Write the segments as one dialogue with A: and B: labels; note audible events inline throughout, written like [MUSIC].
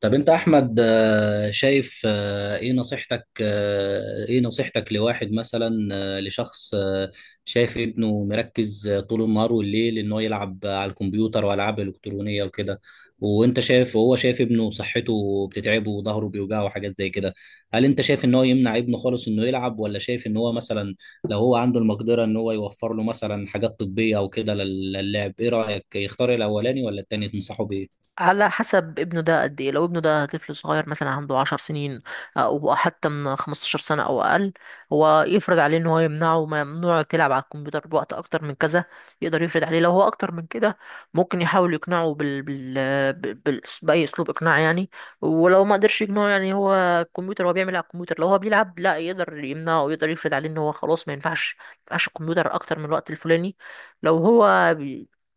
A: طب انت احمد، شايف، ايه نصيحتك لواحد مثلا، لشخص، شايف ابنه مركز، طول النهار والليل ان هو يلعب على الكمبيوتر والعاب الكترونيه وكده. وانت شايف، وهو شايف ابنه صحته بتتعبه وظهره بيوجعه وحاجات زي كده. هل انت شايف ان هو يمنع ابنه خالص انه يلعب، ولا شايف ان هو مثلا لو هو عنده المقدره ان هو يوفر له مثلا حاجات طبيه او كده للعب؟ ايه رايك، يختار الاولاني ولا التاني تنصحه بيه؟
B: على حسب ابنه ده قد ايه. لو ابنه ده طفل صغير مثلا عنده 10 سنين او حتى من 15 سنة او اقل، هو يفرض عليه ان هو يمنعه. ممنوع تلعب على الكمبيوتر بوقت اكتر من كذا. يقدر يفرض عليه لو هو اكتر من كده. ممكن يحاول يقنعه بال... باي اسلوب اقناع يعني. ولو ما قدرش يقنعه، يعني هو الكمبيوتر، هو بيعمل على الكمبيوتر، لو هو بيلعب لا يقدر يمنعه، ويقدر يفرض عليه ان هو خلاص ما ينفعش الكمبيوتر اكتر من الوقت الفلاني. لو هو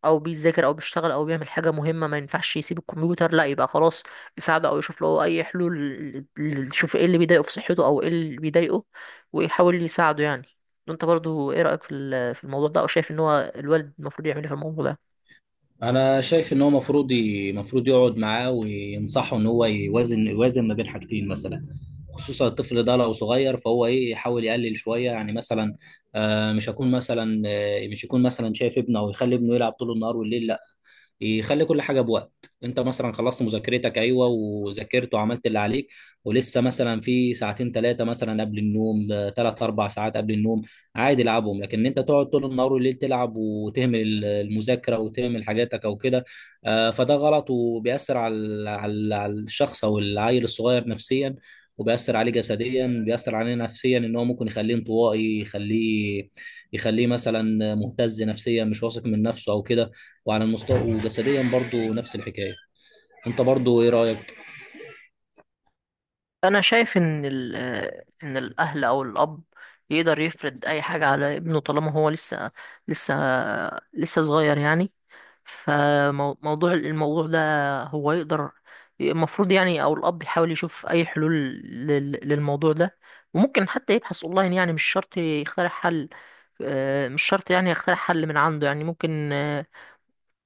B: او بيذاكر او بيشتغل او بيعمل حاجه مهمه، ما ينفعش يسيب الكمبيوتر، لا يبقى خلاص يساعده او يشوف له اي حلول، يشوف ايه اللي بيضايقه في صحته او ايه اللي بيضايقه، ويحاول يساعده يعني. انت برضو ايه رايك في في الموضوع ده، او شايف ان هو الوالد المفروض يعمل ايه في الموضوع ده؟
A: انا شايف ان هو مفروض مفروض يقعد معاه وينصحه ان هو يوازن ما بين حاجتين مثلا. خصوصا الطفل ده لو صغير، فهو ايه، يحاول يقلل شويه يعني. مثلا، مش يكون مثلا شايف ابنه او يخلي ابنه يلعب طول النهار والليل، لا. يخلي كل حاجه بوقت. انت مثلا خلصت مذاكرتك، ايوه، وذاكرت وعملت اللي عليك، ولسه مثلا في ساعتين ثلاثه مثلا قبل النوم، ثلاث اربع ساعات قبل النوم، عادي العبهم. لكن إن انت تقعد طول النهار والليل تلعب وتهمل المذاكره وتهمل حاجاتك او كده، فده غلط وبيأثر على على الشخص او العيل الصغير نفسيا، وبيأثر عليه جسديا، بيأثر عليه نفسيا ان هو ممكن يخليه انطوائي، يخليه مثلا مهتز نفسيا، مش واثق من نفسه او كده. وعلى المستوى وجسديا برضو نفس الحكايه. انت برضو ايه رايك؟
B: انا شايف ان ال آه، ان الاهل او الاب يقدر يفرض اي حاجه على ابنه طالما هو لسه لسه صغير يعني. فموضوع الموضوع ده، هو يقدر، المفروض يعني او الاب يحاول يشوف اي حلول للموضوع ده. وممكن حتى يبحث اونلاين، يعني مش شرط يخترع حل. مش شرط يعني يخترع حل من عنده، يعني ممكن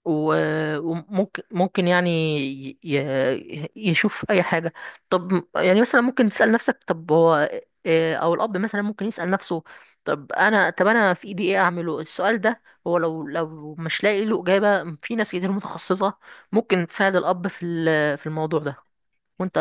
B: و- وممكن ممكن يعني يشوف اي حاجه. طب يعني مثلا ممكن تسال نفسك، طب هو او الاب مثلا ممكن يسال نفسه، طب انا في ايدي ايه اعمله السؤال ده. هو لو مش لاقي له اجابه، في ناس كتير متخصصه ممكن تساعد الاب في في الموضوع ده. وانت؟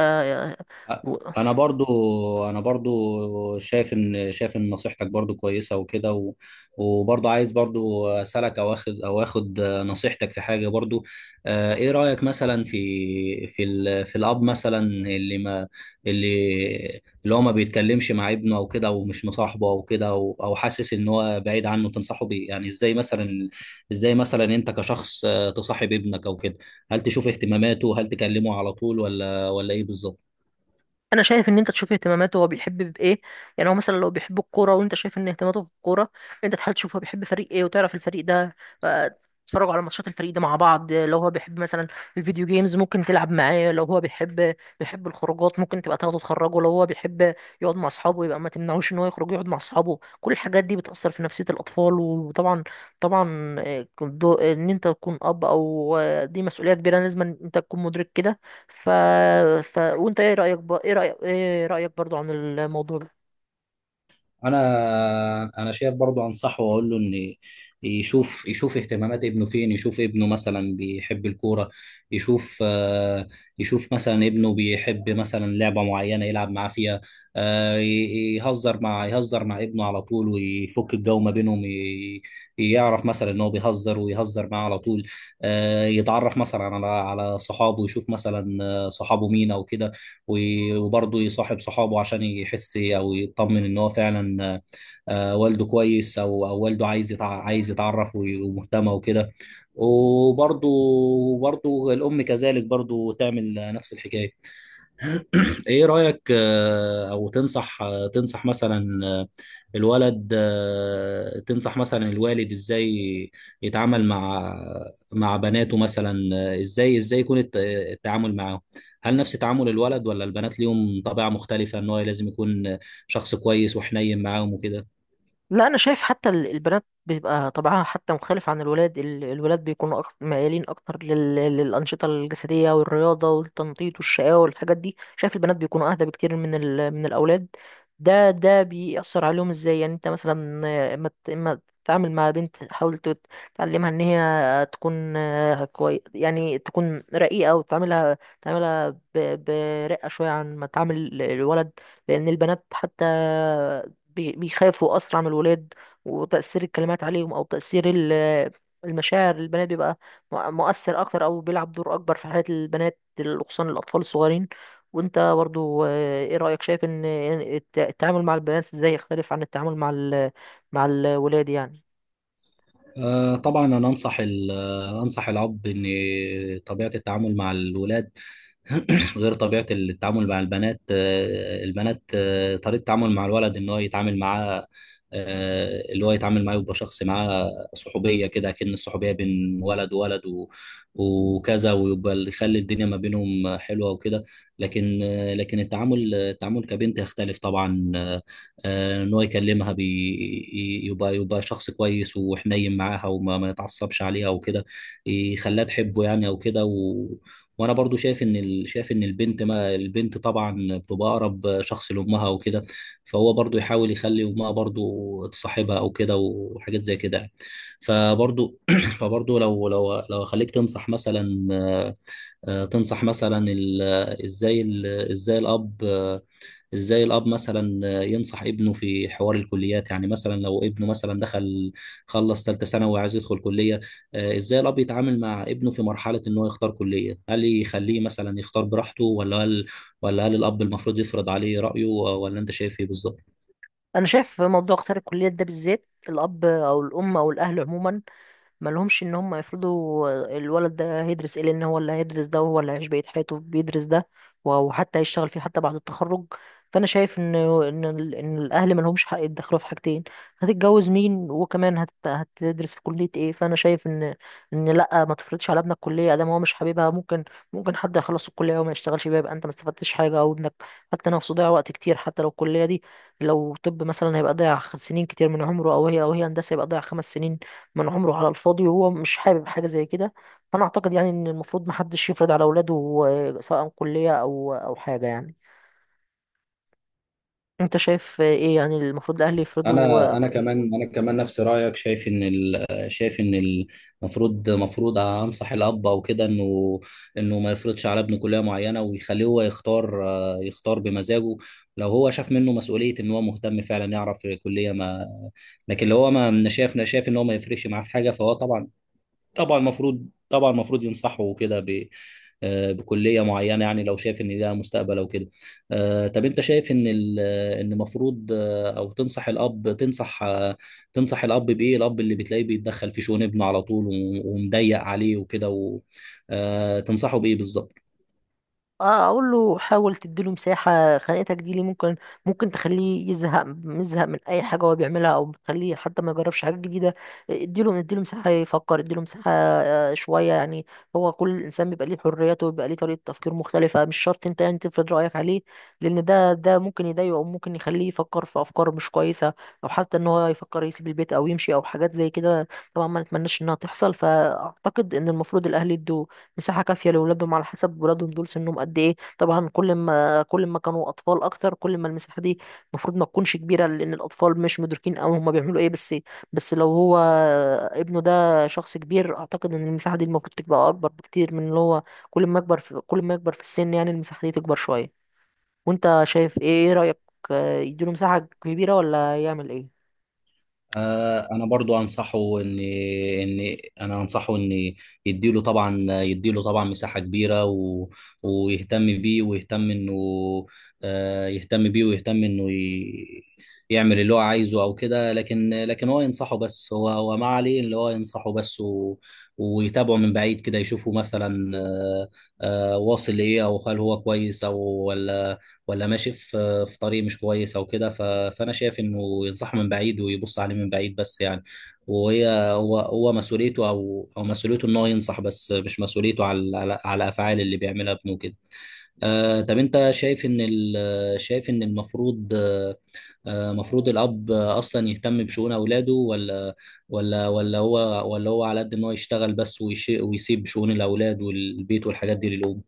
A: انا برضو انا برضو شايف ان، نصيحتك برضو كويسه وكده، و- وبرضو عايز برضو اسالك او اخد او اخد نصيحتك في حاجه برضو. ايه رايك مثلا في في الاب مثلا، اللي ما اللي هو ما بيتكلمش مع ابنه او كده، ومش مصاحبه او كده، او حاسس ان هو بعيد عنه، تنصحه بيه يعني ازاي؟ مثلا، انت كشخص تصاحب ابنك او كده؟ هل تشوف اهتماماته؟ هل تكلمه على طول ولا ايه بالظبط؟
B: انا شايف ان انت تشوف اهتماماته هو بيحب بايه. يعني هو مثلا لو بيحب الكوره وانت شايف ان اهتماماته في الكوره، انت تحاول تشوف هو بيحب فريق ايه، وتعرف الفريق ده. آه، تتفرجوا على ماتشات الفريق ده مع بعض. لو هو بيحب مثلا الفيديو جيمز، ممكن تلعب معاه. لو هو بيحب الخروجات، ممكن تبقى تاخده تخرجه. لو هو بيحب يقعد مع اصحابه، يبقى ما تمنعوش ان هو يخرج يقعد مع اصحابه. كل الحاجات دي بتأثر في نفسية الاطفال. وطبعا طبعا، ان انت تكون اب، او آه، دي مسؤولية كبيرة، لازم انت تكون مدرك كده. ف... وانت ايه رأيك ايه رأيك برضو عن الموضوع ده؟
A: انا شايف برضو، انصحه واقول له ان يشوف اهتمامات ابنه فين. يشوف ابنه مثلا بيحب الكوره، يشوف، يشوف مثلا ابنه بيحب مثلا لعبه معينه يلعب معاه فيها. يهزر مع ابنه على طول ويفك الجو ما بينهم. يعرف مثلا ان هو بيهزر، ويهزر معاه على طول. يتعرف مثلا على صحابه، يشوف مثلا صحابه مين او كده. و- وبرضه يصاحب صحابه عشان يحس او يطمن ان هو فعلا والده كويس، او والده عايز عايز يتعرف، ومهتمه وكده. وبرضه، الام كذلك برضه تعمل نفس الحكايه. ايه رأيك؟ آه، او تنصح آه، تنصح مثلا، آه، الولد آه، تنصح مثلا الوالد ازاي يتعامل مع بناته مثلا؟ ازاي يكون التعامل معاهم؟ هل نفس تعامل الولد، ولا البنات ليهم طبيعة مختلفة ان هو لازم يكون شخص كويس وحنين معاهم وكده؟
B: لا انا شايف حتى البنات بيبقى طبعها حتى مختلف عن الولاد. الولاد بيكونوا أكتر ميالين اكتر للانشطه الجسديه والرياضه والتنطيط والشقاوه والحاجات دي. شايف البنات بيكونوا اهدى بكتير من من الاولاد. ده بيأثر عليهم ازاي؟ يعني انت مثلا ما تتعامل مع بنت، حاول تعلمها ان هي تكون آه، كوي يعني تكون رقيقه، وتعاملها برقه شويه عن ما تعامل الولد. لان البنات حتى بيخافوا أسرع من الولاد. وتأثير الكلمات عليهم أو تأثير المشاعر، البنات بيبقى مؤثر أكتر، أو بيلعب دور أكبر في حياة البنات، خصوصا الأطفال الصغيرين. وأنت برضو، إيه رأيك، شايف إن التعامل مع البنات إزاي يختلف عن التعامل مع مع الولاد يعني؟
A: طبعا، انا انصح ال- آه، انصح الاب ان طبيعة التعامل مع الولاد [CLEARS THROAT] غير طبيعة التعامل مع البنات. طريقة التعامل مع الولد ان هو يتعامل معاه، آه، اللي هو يتعامل معاه يبقى شخص معاه صحوبية كده، كأن الصحوبية بين ولد وولد و- وكذا، ويبقى اللي يخلي الدنيا ما بينهم حلوة وكده. لكن التعامل كبنت يختلف طبعا. ان هو يكلمها، يبقى شخص كويس وحنين معاها، وما ما يتعصبش عليها وكده، يخليها تحبه يعني او كده. وانا برضو شايف ان، البنت، ما البنت طبعا بتبقى اقرب شخص لامها وكده. فهو برضو يحاول يخلي امها برضو تصاحبها او كده، وحاجات زي كده يعني. فبرضو [CLEARS THROAT] فبرضو لو خليك تنصح مثلا، آه، آه، تنصح مثلا ال... ازاي ال... ازاي الاب ازاي الاب مثلا ينصح ابنه في حوار الكليات يعني، مثلا لو ابنه مثلا دخل، خلص ثالثه ثانوي وعايز يدخل كليه. ازاي الاب يتعامل مع ابنه في مرحله ان هو يختار كليه؟ هل يخليه مثلا يختار براحته، ولا هل الاب المفروض يفرض عليه رايه، ولا انت شايف ايه بالظبط؟
B: أنا شايف موضوع اختيار الكليات ده بالذات، الأب أو الأم أو الأهل عموما ما لهمش ان هم يفرضوا الولد ده هيدرس ايه، لان هو اللي هيدرس ده، وهو اللي هيعيش بقية حياته بيدرس ده، وحتى هيشتغل فيه حتى بعد التخرج. فانا شايف ان ان الاهل ما لهمش حق يتدخلوا في حاجتين: هتتجوز مين، وكمان هتدرس في كلية ايه. فانا شايف ان ان لا، ما تفرضش على ابنك كلية ادام هو مش حاببها. ممكن حد يخلص الكلية وما يشتغلش بيها، يبقى انت ما استفدتش حاجة، او ابنك حتى نفسه ضيع وقت كتير، حتى لو الكلية دي. لو طب مثلا هيبقى ضيع سنين كتير من عمره، او هي هندسة، يبقى ضيع 5 سنين من عمره على الفاضي، وهو مش حابب حاجة زي كده. فأنا أعتقد يعني إن المفروض محدش يفرض على أولاده، سواء كلية أو حاجة يعني. أنت شايف إيه يعني المفروض الأهل يفرضوا
A: انا انا كمان انا كمان نفس رايك. شايف ان شايف ان المفروض، انصح الاب او كده انه، ما يفرضش على ابنه كليه معينه، ويخليه هو يختار، يختار بمزاجه. لو هو شاف منه مسؤوليه ان هو مهتم فعلا يعرف كليه ما. لكن لو هو ما ما شاف شايف ان هو ما يفرقش معاه في حاجه، فهو طبعا، المفروض ينصحوا كده ب، بكليه معينه يعني، لو شايف ان ليها مستقبل او كده. طب انت شايف ان، المفروض، آه، او تنصح الاب تنصح آه، تنصح الاب بايه؟ الاب اللي بتلاقيه بيتدخل في شؤون ابنه على طول، و- ومضيق عليه وكده، و- تنصحه بايه بالظبط؟
B: اه، اقول له حاول تديله مساحه. خناقتك دي ليه؟ ممكن تخليه يزهق، مزهق من اي حاجه هو بيعملها، او بتخليه حتى ما يجربش حاجه جديده. اديله مساحه يفكر، اديله مساحه، شويه يعني. هو كل انسان بيبقى ليه حريته، وبيبقى ليه طريقه تفكير مختلفه، مش شرط انت يعني تفرض رايك عليه، لان ده ممكن يضايقه، او ممكن يخليه يفكر في افكار مش كويسه، او حتى ان هو يفكر يسيب البيت او يمشي او حاجات زي كده. طبعا ما نتمناش انها تحصل. فاعتقد ان المفروض الاهل يدوا مساحة كافية لأولادهم على حسب ولادهم دول سنهم قد إيه. طبعا كل ما كانوا أطفال أكتر، كل ما المساحة دي المفروض ما تكونش كبيرة، لأن الأطفال مش مدركين أوي هما بيعملوا إيه. بس لو هو ابنه ده شخص كبير، أعتقد إن المساحة دي المفروض تبقى أكبر بكتير من اللي هو. كل ما يكبر في السن، يعني المساحة دي تكبر شوية. وأنت شايف إيه رأيك، يديله مساحة كبيرة ولا يعمل إيه؟
A: انا برضو انصحه ان ان انا انصحه ان يديله طبعا يديله طبعا مساحه كبيره، و... ويهتم بيه، ويهتم انه، آه، يهتم بيه ويهتم انه ي... يعمل اللي هو عايزه او كده. لكن هو ما عليه اللي هو ينصحه بس، و... ويتابعه من بعيد كده، يشوفه مثلا، واصل لايه، او هل هو كويس، او ولا، ماشي في طريق مش كويس او كده. فانا شايف انه ينصحه من بعيد ويبص عليه من بعيد بس يعني. وهي هو هو مسؤوليته، او مسؤوليته ان هو ينصح بس، مش مسؤوليته على افعال اللي بيعملها ابنه كده. آه، طب انت شايف ان، المفروض، مفروض الاب اصلا يهتم بشؤون اولاده، ولا ولا هو ولا هو على قد ان هو يشتغل بس، ويسيب شؤون الاولاد والبيت والحاجات دي للام؟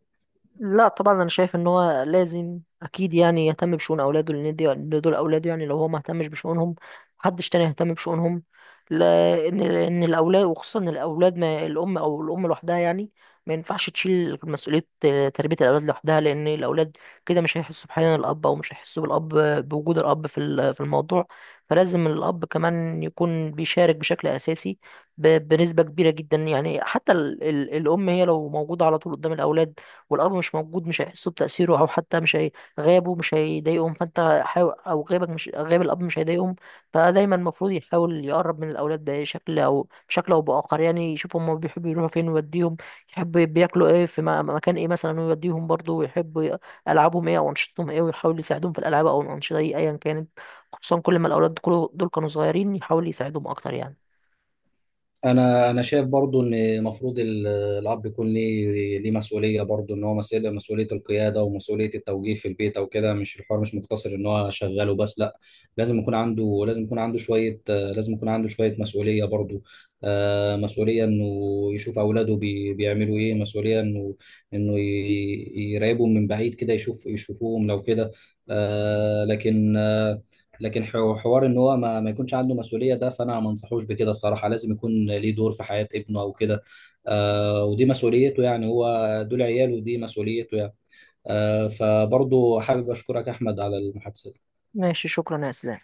B: لا طبعا، انا شايف ان هو لازم اكيد يعني يهتم بشؤون اولاده، لان دي إن دول اولاده يعني. لو هو ما اهتمش بشؤونهم، محدش تاني يهتم بشؤونهم. لان ان الاولاد وخصوصا الاولاد، ما الام او الام لوحدها يعني ما ينفعش تشيل مسؤوليه تربيه الاولاد لوحدها، لان الاولاد كده مش هيحسوا بحنان الاب، او مش هيحسوا بالاب بوجود الاب في في الموضوع. فلازم الاب كمان يكون بيشارك بشكل اساسي، بنسبه كبيره جدا يعني. حتى الام هي لو موجوده على طول قدام الاولاد والأمر مش موجود، مش هيحسوا بتأثيره، أو حتى مش هي... غيابه مش هيضايقهم. فأنت حاول، أو غيابك، مش غياب الأب، مش هيضايقهم. فدايما المفروض يحاول يقرب من الأولاد بشكل أو بآخر، يعني يشوف هما بيحبوا يروحوا فين ويوديهم، يحب بياكلوا إيه في مكان إيه مثلا ويوديهم برضه، ويحب ألعابهم إيه أو أنشطتهم إيه، ويحاول يساعدهم في الألعاب أو الأنشطة دي أيا كانت. خصوصا كل ما الأولاد دول كانوا صغيرين، يحاول يساعدهم أكتر يعني.
A: انا شايف برضو ان المفروض الاب يكون ليه مسؤوليه برضو، ان هو مسؤوليه، القياده ومسؤوليه التوجيه في البيت او كده. مش الحوار، مش مقتصر ان هو شغال وبس، لا. لازم يكون عنده شويه مسؤوليه برضو، مسؤوليه انه يشوف اولاده بيعملوا ايه، مسؤوليه انه، يراقبهم من بعيد كده، يشوفوهم لو كده. لكن، حوار ان هو ما يكونش عنده مسؤوليه ده، فانا ما انصحوش بكده الصراحه. لازم يكون ليه دور في حياه ابنه او كده. آه، ودي مسؤوليته يعني. هو دول عياله، ودي مسؤوليته يعني. آه، فبرضه حابب اشكرك احمد على المحادثه.
B: ماشي، شكرا يا إسلام.